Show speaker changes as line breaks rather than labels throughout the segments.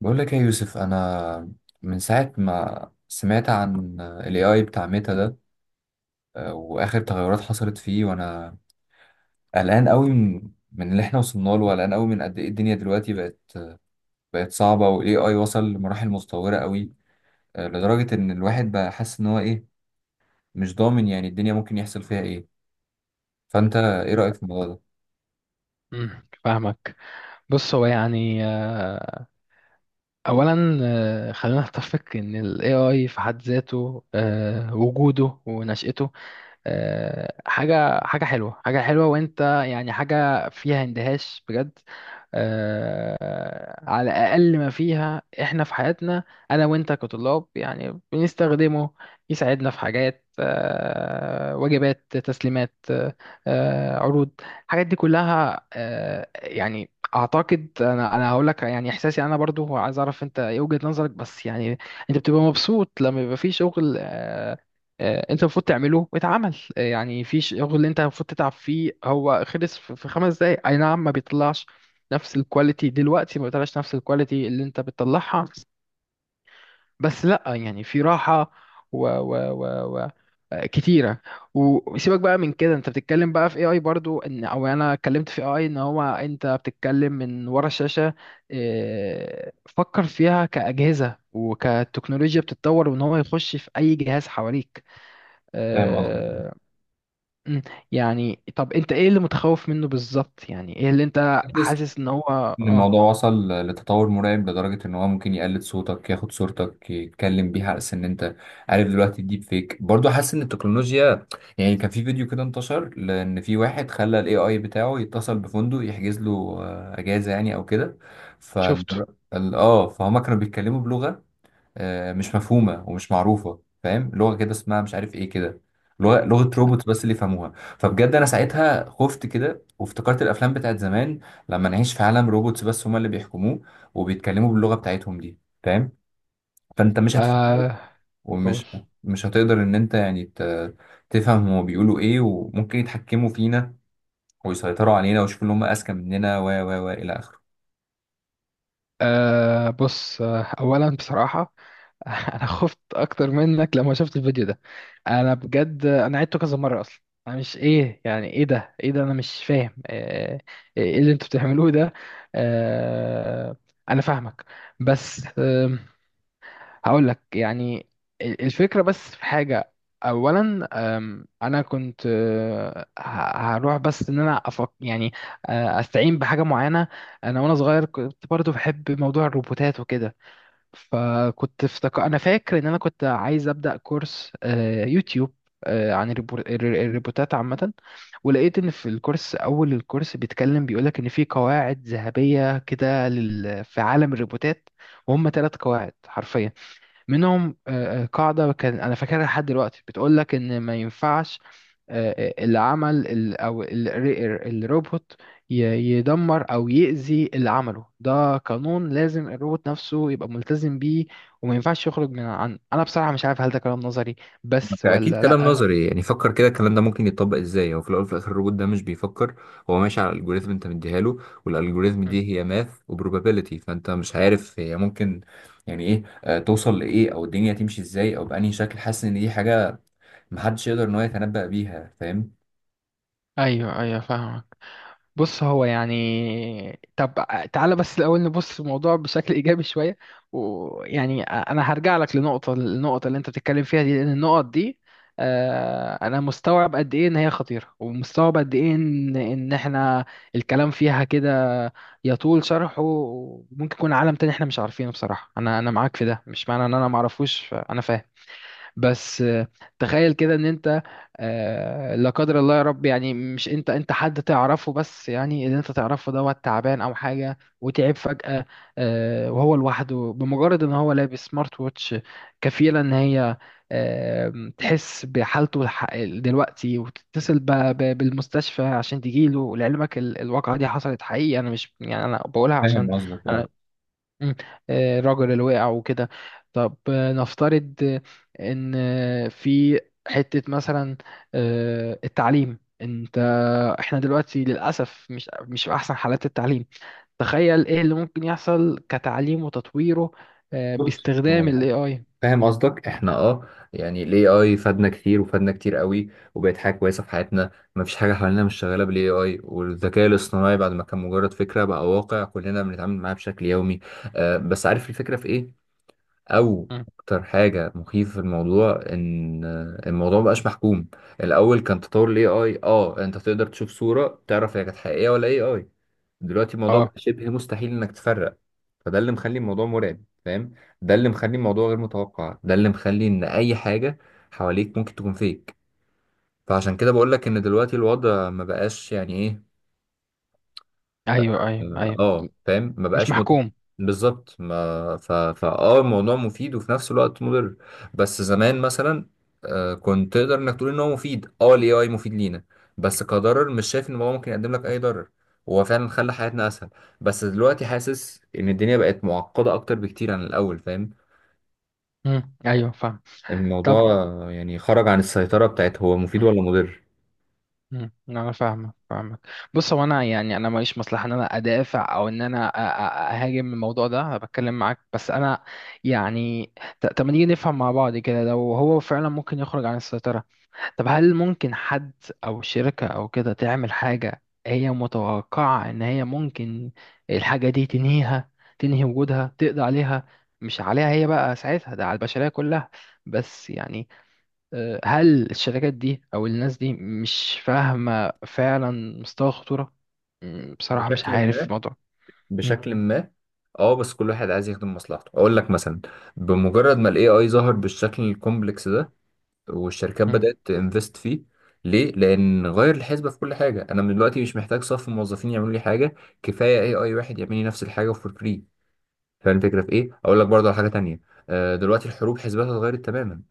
بقول لك إيه يا يوسف، انا من ساعه ما سمعت عن الاي اي بتاع ميتا ده، واخر تغيرات حصلت فيه، وانا قلقان قوي من اللي احنا وصلنا له، وقلقان قوي من قد ايه الدنيا دلوقتي بقت صعبه. والاي اي وصل لمراحل متطوره قوي، لدرجه ان الواحد بقى حاسس ان هو ايه، مش ضامن يعني الدنيا ممكن يحصل فيها ايه. فانت ايه رايك في الموضوع ده؟
مم، فاهمك. بص، هو يعني اولا، خلينا نتفق ان ال AI في حد ذاته، وجوده ونشأته، حاجة حلوة، وانت يعني حاجة فيها اندهاش بجد، على الأقل ما فيها احنا في حياتنا. أنا وانت كطلاب يعني بنستخدمه، يساعدنا في حاجات واجبات، تسليمات، عروض. الحاجات دي كلها يعني أعتقد أنا هقول لك يعني إحساسي، أنا برضو عايز أعرف أنت إيه وجهة نظرك، بس يعني أنت بتبقى مبسوط لما يبقى في شغل انت المفروض تعمله، واتعمل، يعني في شغل اللي انت المفروض تتعب فيه هو خلص في خمس دقايق. اي نعم، ما بيطلعش نفس الكواليتي دلوقتي، ما بيطلعش نفس الكواليتي اللي انت بتطلعها، بس لا يعني في راحة و كتيرة. وسيبك بقى من كده، انت بتتكلم بقى في AI، برضو ان او يعني انا اتكلمت في AI ان هو انت بتتكلم من ورا الشاشة. فكر فيها كأجهزة وكتكنولوجيا بتتطور، وان هو يخش في اي جهاز حواليك.
فاهم قصدي.
آه، مم. يعني طب انت ايه اللي متخوف منه بالظبط؟ يعني ايه اللي انت حاسس ان هو...
إن
اه،
الموضوع وصل لتطور مرعب، لدرجة إن هو ممكن يقلد صوتك، ياخد صورتك، يتكلم بيها على أساس إن أنت عارف. دلوقتي الديب فيك برضه، حاسس إن التكنولوجيا يعني. كان في فيديو كده انتشر، لأن في واحد خلى ال AI بتاعه يتصل بفندق يحجز له أجازة يعني أو كده. فال
شفته.
ال- آه فهما كانوا بيتكلموا بلغة مش مفهومه ومش معروفه، فاهم؟ لغه كده اسمها مش عارف ايه كده، لغه روبوت بس اللي يفهموها. فبجد انا ساعتها خفت كده، وافتكرت الافلام بتاعت زمان لما نعيش في عالم روبوتس بس هما اللي بيحكموه وبيتكلموا باللغه بتاعتهم دي، فاهم؟ فانت مش هتفهمه،
آه، قول.
ومش مش هتقدر ان انت يعني تفهم هما بيقولوا ايه، وممكن يتحكموا فينا ويسيطروا علينا ويشوفوا ان هما اذكى مننا، و الى اخره.
بص، اولا بصراحة انا خفت اكتر منك لما شفت الفيديو ده. انا بجد انا عدته كذا مرة. اصلا انا مش ايه، يعني ايه ده؟ ايه ده؟ انا مش فاهم ايه اللي انتوا بتعملوه ده. آه انا فاهمك. بس هقول لك يعني، الفكرة، بس في حاجة أولا. أنا كنت هروح بس، إن أنا أفك يعني، أستعين بحاجة معينة. أنا وأنا صغير كنت برضو بحب موضوع الروبوتات وكده، فكنت افتكر، أنا فاكر إن أنا كنت عايز أبدأ كورس يوتيوب عن الروبوتات عامة. ولقيت إن في الكورس، أول الكورس بيتكلم، بيقولك إن في قواعد ذهبية كده في عالم الروبوتات، وهم ثلاث قواعد حرفيا. منهم قاعدة كان أنا فاكرها لحد دلوقتي، بتقول لك إن ما ينفعش اللي عمل الروبوت ي- يدمر أو يأذي اللي عمله. ده قانون لازم الروبوت نفسه يبقى ملتزم بيه، وما ينفعش يخرج من عنه. أنا بصراحة مش عارف، هل ده كلام نظري بس
اكيد
ولا
كلام
لأ؟
نظري، يعني فكر كده الكلام ده ممكن يتطبق ازاي. هو في الاول وفي الاخر الروبوت ده مش بيفكر، هو ماشي على الالجوريزم انت مديها له، والالجوريزم
م.
دي هي ماث وبروبابيلتي، فانت مش عارف هي ممكن يعني ايه، توصل لايه، او الدنيا تمشي ازاي، او بانهي شكل. حاسس ان دي حاجه محدش يقدر ان هو يتنبأ بيها، فاهم؟
أيوه، أيوه، فاهمك. بص، هو يعني طب، تعالى بس الأول نبص الموضوع بشكل إيجابي شوية. ويعني أنا هرجع لك لنقطة، النقطة اللي أنت بتتكلم فيها دي، لأن النقط دي أنا مستوعب قد إيه إن هي خطيرة، ومستوعب قد إيه إن إحنا الكلام فيها كده يطول شرحه، وممكن يكون عالم تاني إحنا مش عارفينه. بصراحة أنا معاك في ده، مش معنى إن أنا معرفوش، أنا فاهم. بس تخيل كده ان انت لا قدر الله يا رب، يعني مش انت، حد تعرفه، بس يعني اللي انت تعرفه دوت تعبان او حاجه، وتعب فجاه. وهو لوحده، بمجرد ان هو لابس سمارت ووتش، كفيله ان هي تحس بحالته دلوقتي، وتتصل بالمستشفى عشان تجيله. لعلمك الواقعه دي حصلت حقيقي، انا مش يعني انا بقولها عشان...
فاهم قصدك، اه.
مم. الرجل اللي وقع وكده. طب نفترض ان في حتة مثلا، التعليم. انت، احنا دلوقتي للأسف مش في احسن حالات التعليم. تخيل ايه اللي ممكن يحصل كتعليم وتطويره
بص
باستخدام ال
هو،
AI.
فاهم قصدك، احنا اه يعني الاي اي فادنا كتير، وفادنا كتير قوي، وبقت حاجه كويسه في حياتنا. ما فيش حاجه حوالينا مش شغاله بالاي اي، والذكاء الاصطناعي بعد ما كان مجرد فكره بقى واقع، كلنا بنتعامل معاه بشكل يومي. آه، بس عارف الفكره في ايه؟ او
مم.
اكتر حاجه مخيفه في الموضوع، ان الموضوع مبقاش محكوم. الاول كان تطور الاي اي، اه انت تقدر تشوف صوره تعرف هي كانت حقيقيه ولا اي اي. دلوقتي الموضوع بقى
اه،
شبه مستحيل انك تفرق، فده اللي مخلي الموضوع مرعب، فاهم؟ ده اللي مخلي الموضوع غير متوقع، ده اللي مخلي ان اي حاجه حواليك ممكن تكون فيك. فعشان كده بقول لك ان دلوقتي الوضع ما بقاش يعني ايه،
ايوه، ايوه،
اه
ايوه،
فاهم؟ ما
مش
بقاش مت...
محكوم.
بالظبط. ما ف... فاه الموضوع مفيد وفي نفس الوقت مضر. بس زمان مثلا آه كنت تقدر انك تقول ان هو مفيد، اه الاي اي مفيد لينا، بس كضرر مش شايف ان هو ممكن يقدم لك اي ضرر. هو فعلا خلى حياتنا اسهل، بس دلوقتي حاسس ان الدنيا بقت معقدة اكتر بكتير عن الاول، فاهم؟
مم. ايوه، فاهم.
الموضوع
طب.
يعني خرج عن السيطرة بتاعت هو مفيد ولا مضر.
مم. انا فاهمك، فاهمك. بص، هو انا يعني انا ماليش مصلحه ان انا ادافع او ان انا اهاجم الموضوع ده. انا بتكلم معاك بس انا يعني طب، ما نيجي نفهم مع بعض كده، لو هو فعلا ممكن يخرج عن السيطره، طب هل ممكن حد او شركه او كده تعمل حاجه هي متوقعه ان هي ممكن الحاجه دي تنهيها، تنهي وجودها، تقضي عليها؟ مش عليها هي بقى ساعتها، ده على البشريه كلها. بس يعني هل الشركات دي او الناس دي مش فاهمة فعلا مستوى الخطورة؟ بصراحة مش
بشكل
عارف
ما
الموضوع. مم،
بشكل ما. اه بس كل واحد عايز يخدم مصلحته. اقول لك مثلا، بمجرد ما الاي اي ظهر بالشكل الكومبلكس ده، والشركات
مم،
بدأت تنفست فيه، ليه؟ لان غير الحسبة في كل حاجة، انا من دلوقتي مش محتاج صف موظفين يعملوا لي حاجة، كفاية اي اي واحد يعمل لي نفس الحاجة فور فري. فاهم الفكرة في ايه؟ اقول لك برضه على حاجة تانية، دلوقتي الحروب حسباتها اتغيرت تماما.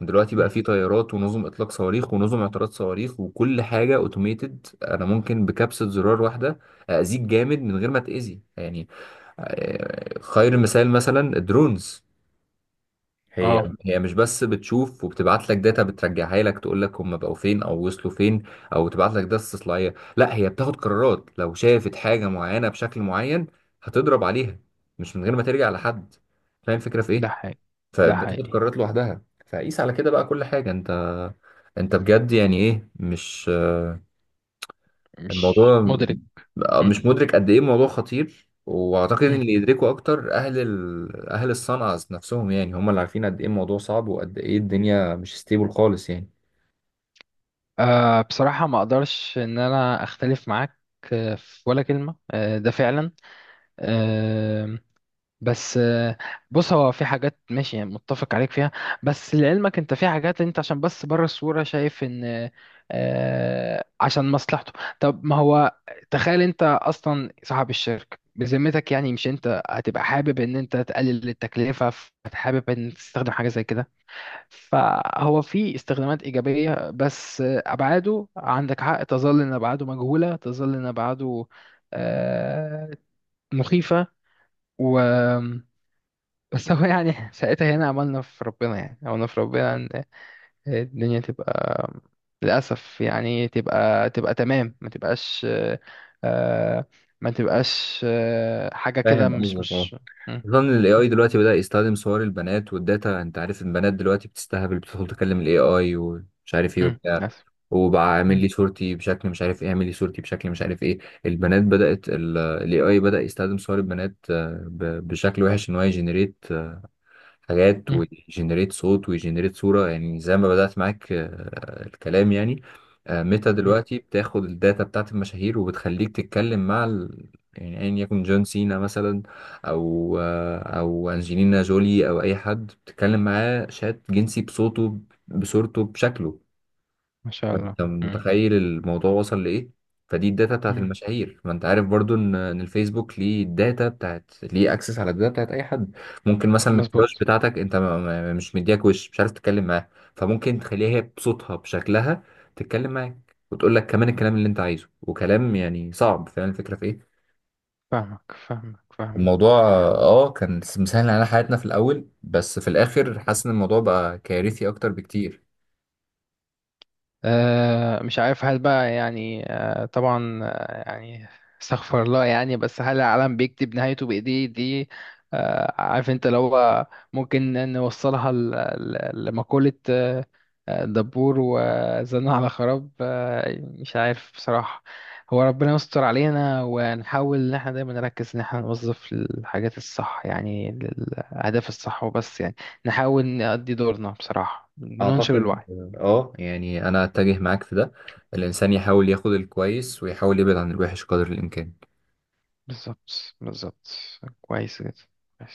دلوقتي بقى
مم.
في طيارات ونظم اطلاق صواريخ ونظم اعتراض صواريخ وكل حاجة اوتوميتد. انا ممكن بكبسة زرار واحدة اذيك جامد من غير ما تاذي، يعني خير المثال مثلا الدرونز. مم. هي،
اه،
هي مش بس بتشوف وبتبعت لك داتا بترجعها لك تقول لك هم بقوا فين او وصلوا فين، او تبعت لك داتا استطلاعيه، لا هي بتاخد قرارات لو شافت حاجه معينه بشكل معين، هتضرب عليها مش من غير ما ترجع لحد، فاهم الفكره في
ده
ايه؟
حقيقي، ده
فبتاخد
حقيقي.
قرارات لوحدها. فقيس على كده بقى كل حاجه. انت، انت بجد يعني ايه، مش
مش
الموضوع
مدرك.
بقى
مم،
مش مدرك قد ايه الموضوع خطير. واعتقد ان
مم.
اللي يدركوا اكتر اهل ال... اهل الصنعة نفسهم، يعني هم اللي عارفين قد ايه الموضوع صعب وقد ايه الدنيا مش ستيبل خالص، يعني
بصراحة ما اقدرش ان انا اختلف معاك في ولا كلمة، ده فعلا آه، بس، بص، هو في حاجات ماشي يعني متفق عليك فيها، بس لعلمك انت في حاجات انت عشان بس بره الصورة شايف ان عشان مصلحته. طب ما هو، تخيل انت اصلا صاحب الشركة، بذمتك يعني مش انت هتبقى حابب ان انت تقلل التكلفة؟ فحابب ان تستخدم حاجة زي كده. فهو في استخدامات ايجابية، بس ابعاده، عندك حق، تظل ان ابعاده مجهولة، تظل ان ابعاده آه، مخيفة. و بس هو يعني ساعتها هنا عملنا في ربنا، يعني عملنا في ربنا ان الدنيا تبقى للأسف، يعني تبقى تمام، ما تبقاش آه، ما تبقاش حاجة كده،
فاهم
مش
قصدك، اه.
م-
خصوصا ان الاي
م-
اي دلوقتي بدأ يستخدم صور البنات والداتا. انت عارف البنات دلوقتي بتستهبل، بتدخل تكلم الاي اي ومش عارف ايه وبتاع،
للأسف.
وبقى اعمل
م-
لي صورتي بشكل مش عارف ايه، اعمل لي صورتي بشكل مش عارف ايه. البنات بدأت، الاي اي بدأ يستخدم صور البنات، بشكل وحش ان هو يجنريت حاجات،
م-
ويجنريت صوت، ويجنريت صورة. يعني زي ما بدأت معاك، الكلام يعني ميتا
م-
دلوقتي بتاخد الداتا بتاعت المشاهير وبتخليك تتكلم مع ال... يعني أيا يكن جون سينا مثلا، أو أو أنجلينا جولي أو أي حد، بتتكلم معاه شات جنسي بصوته، بصورته، بشكله.
ما شاء الله.
انت
م-
متخيل الموضوع وصل لايه؟ فدي الداتا بتاعت
م-
المشاهير، ما انت عارف برضو ان الفيسبوك ليه الداتا بتاعت، ليه اكسس على الداتا بتاعت اي حد. ممكن مثلا الكراش
مظبوط.
بتاعتك انت مش مدياك وش، مش عارف تتكلم معاه، فممكن تخليها هي بصوتها بشكلها تتكلم معاك، وتقول لك كمان الكلام اللي انت عايزه، وكلام يعني صعب. فاهم الفكره في ايه؟
فاهمك، فاهمك، فاهمك.
الموضوع اه كان مسهل علينا حياتنا في الاول، بس في الاخر حاسس ان الموضوع بقى كارثي اكتر بكتير.
مش عارف هل بقى يعني، طبعا يعني استغفر الله، يعني بس هل العالم بيكتب نهايته بإيديه دي؟ عارف انت، لو هو ممكن نوصلها لمقولة دبور وزنا على خراب. مش عارف بصراحة. هو ربنا يستر علينا، ونحاول ان احنا دايما نركز ان احنا نوظف الحاجات الصح يعني للأهداف الصح، وبس يعني نحاول نأدي دورنا بصراحة، بننشر
أعتقد
الوعي.
آه يعني أنا أتجه معاك في ده، الإنسان يحاول ياخد الكويس ويحاول يبعد عن الوحش قدر الإمكان.
بالظبط، بالظبط. كويس جدا. كويس.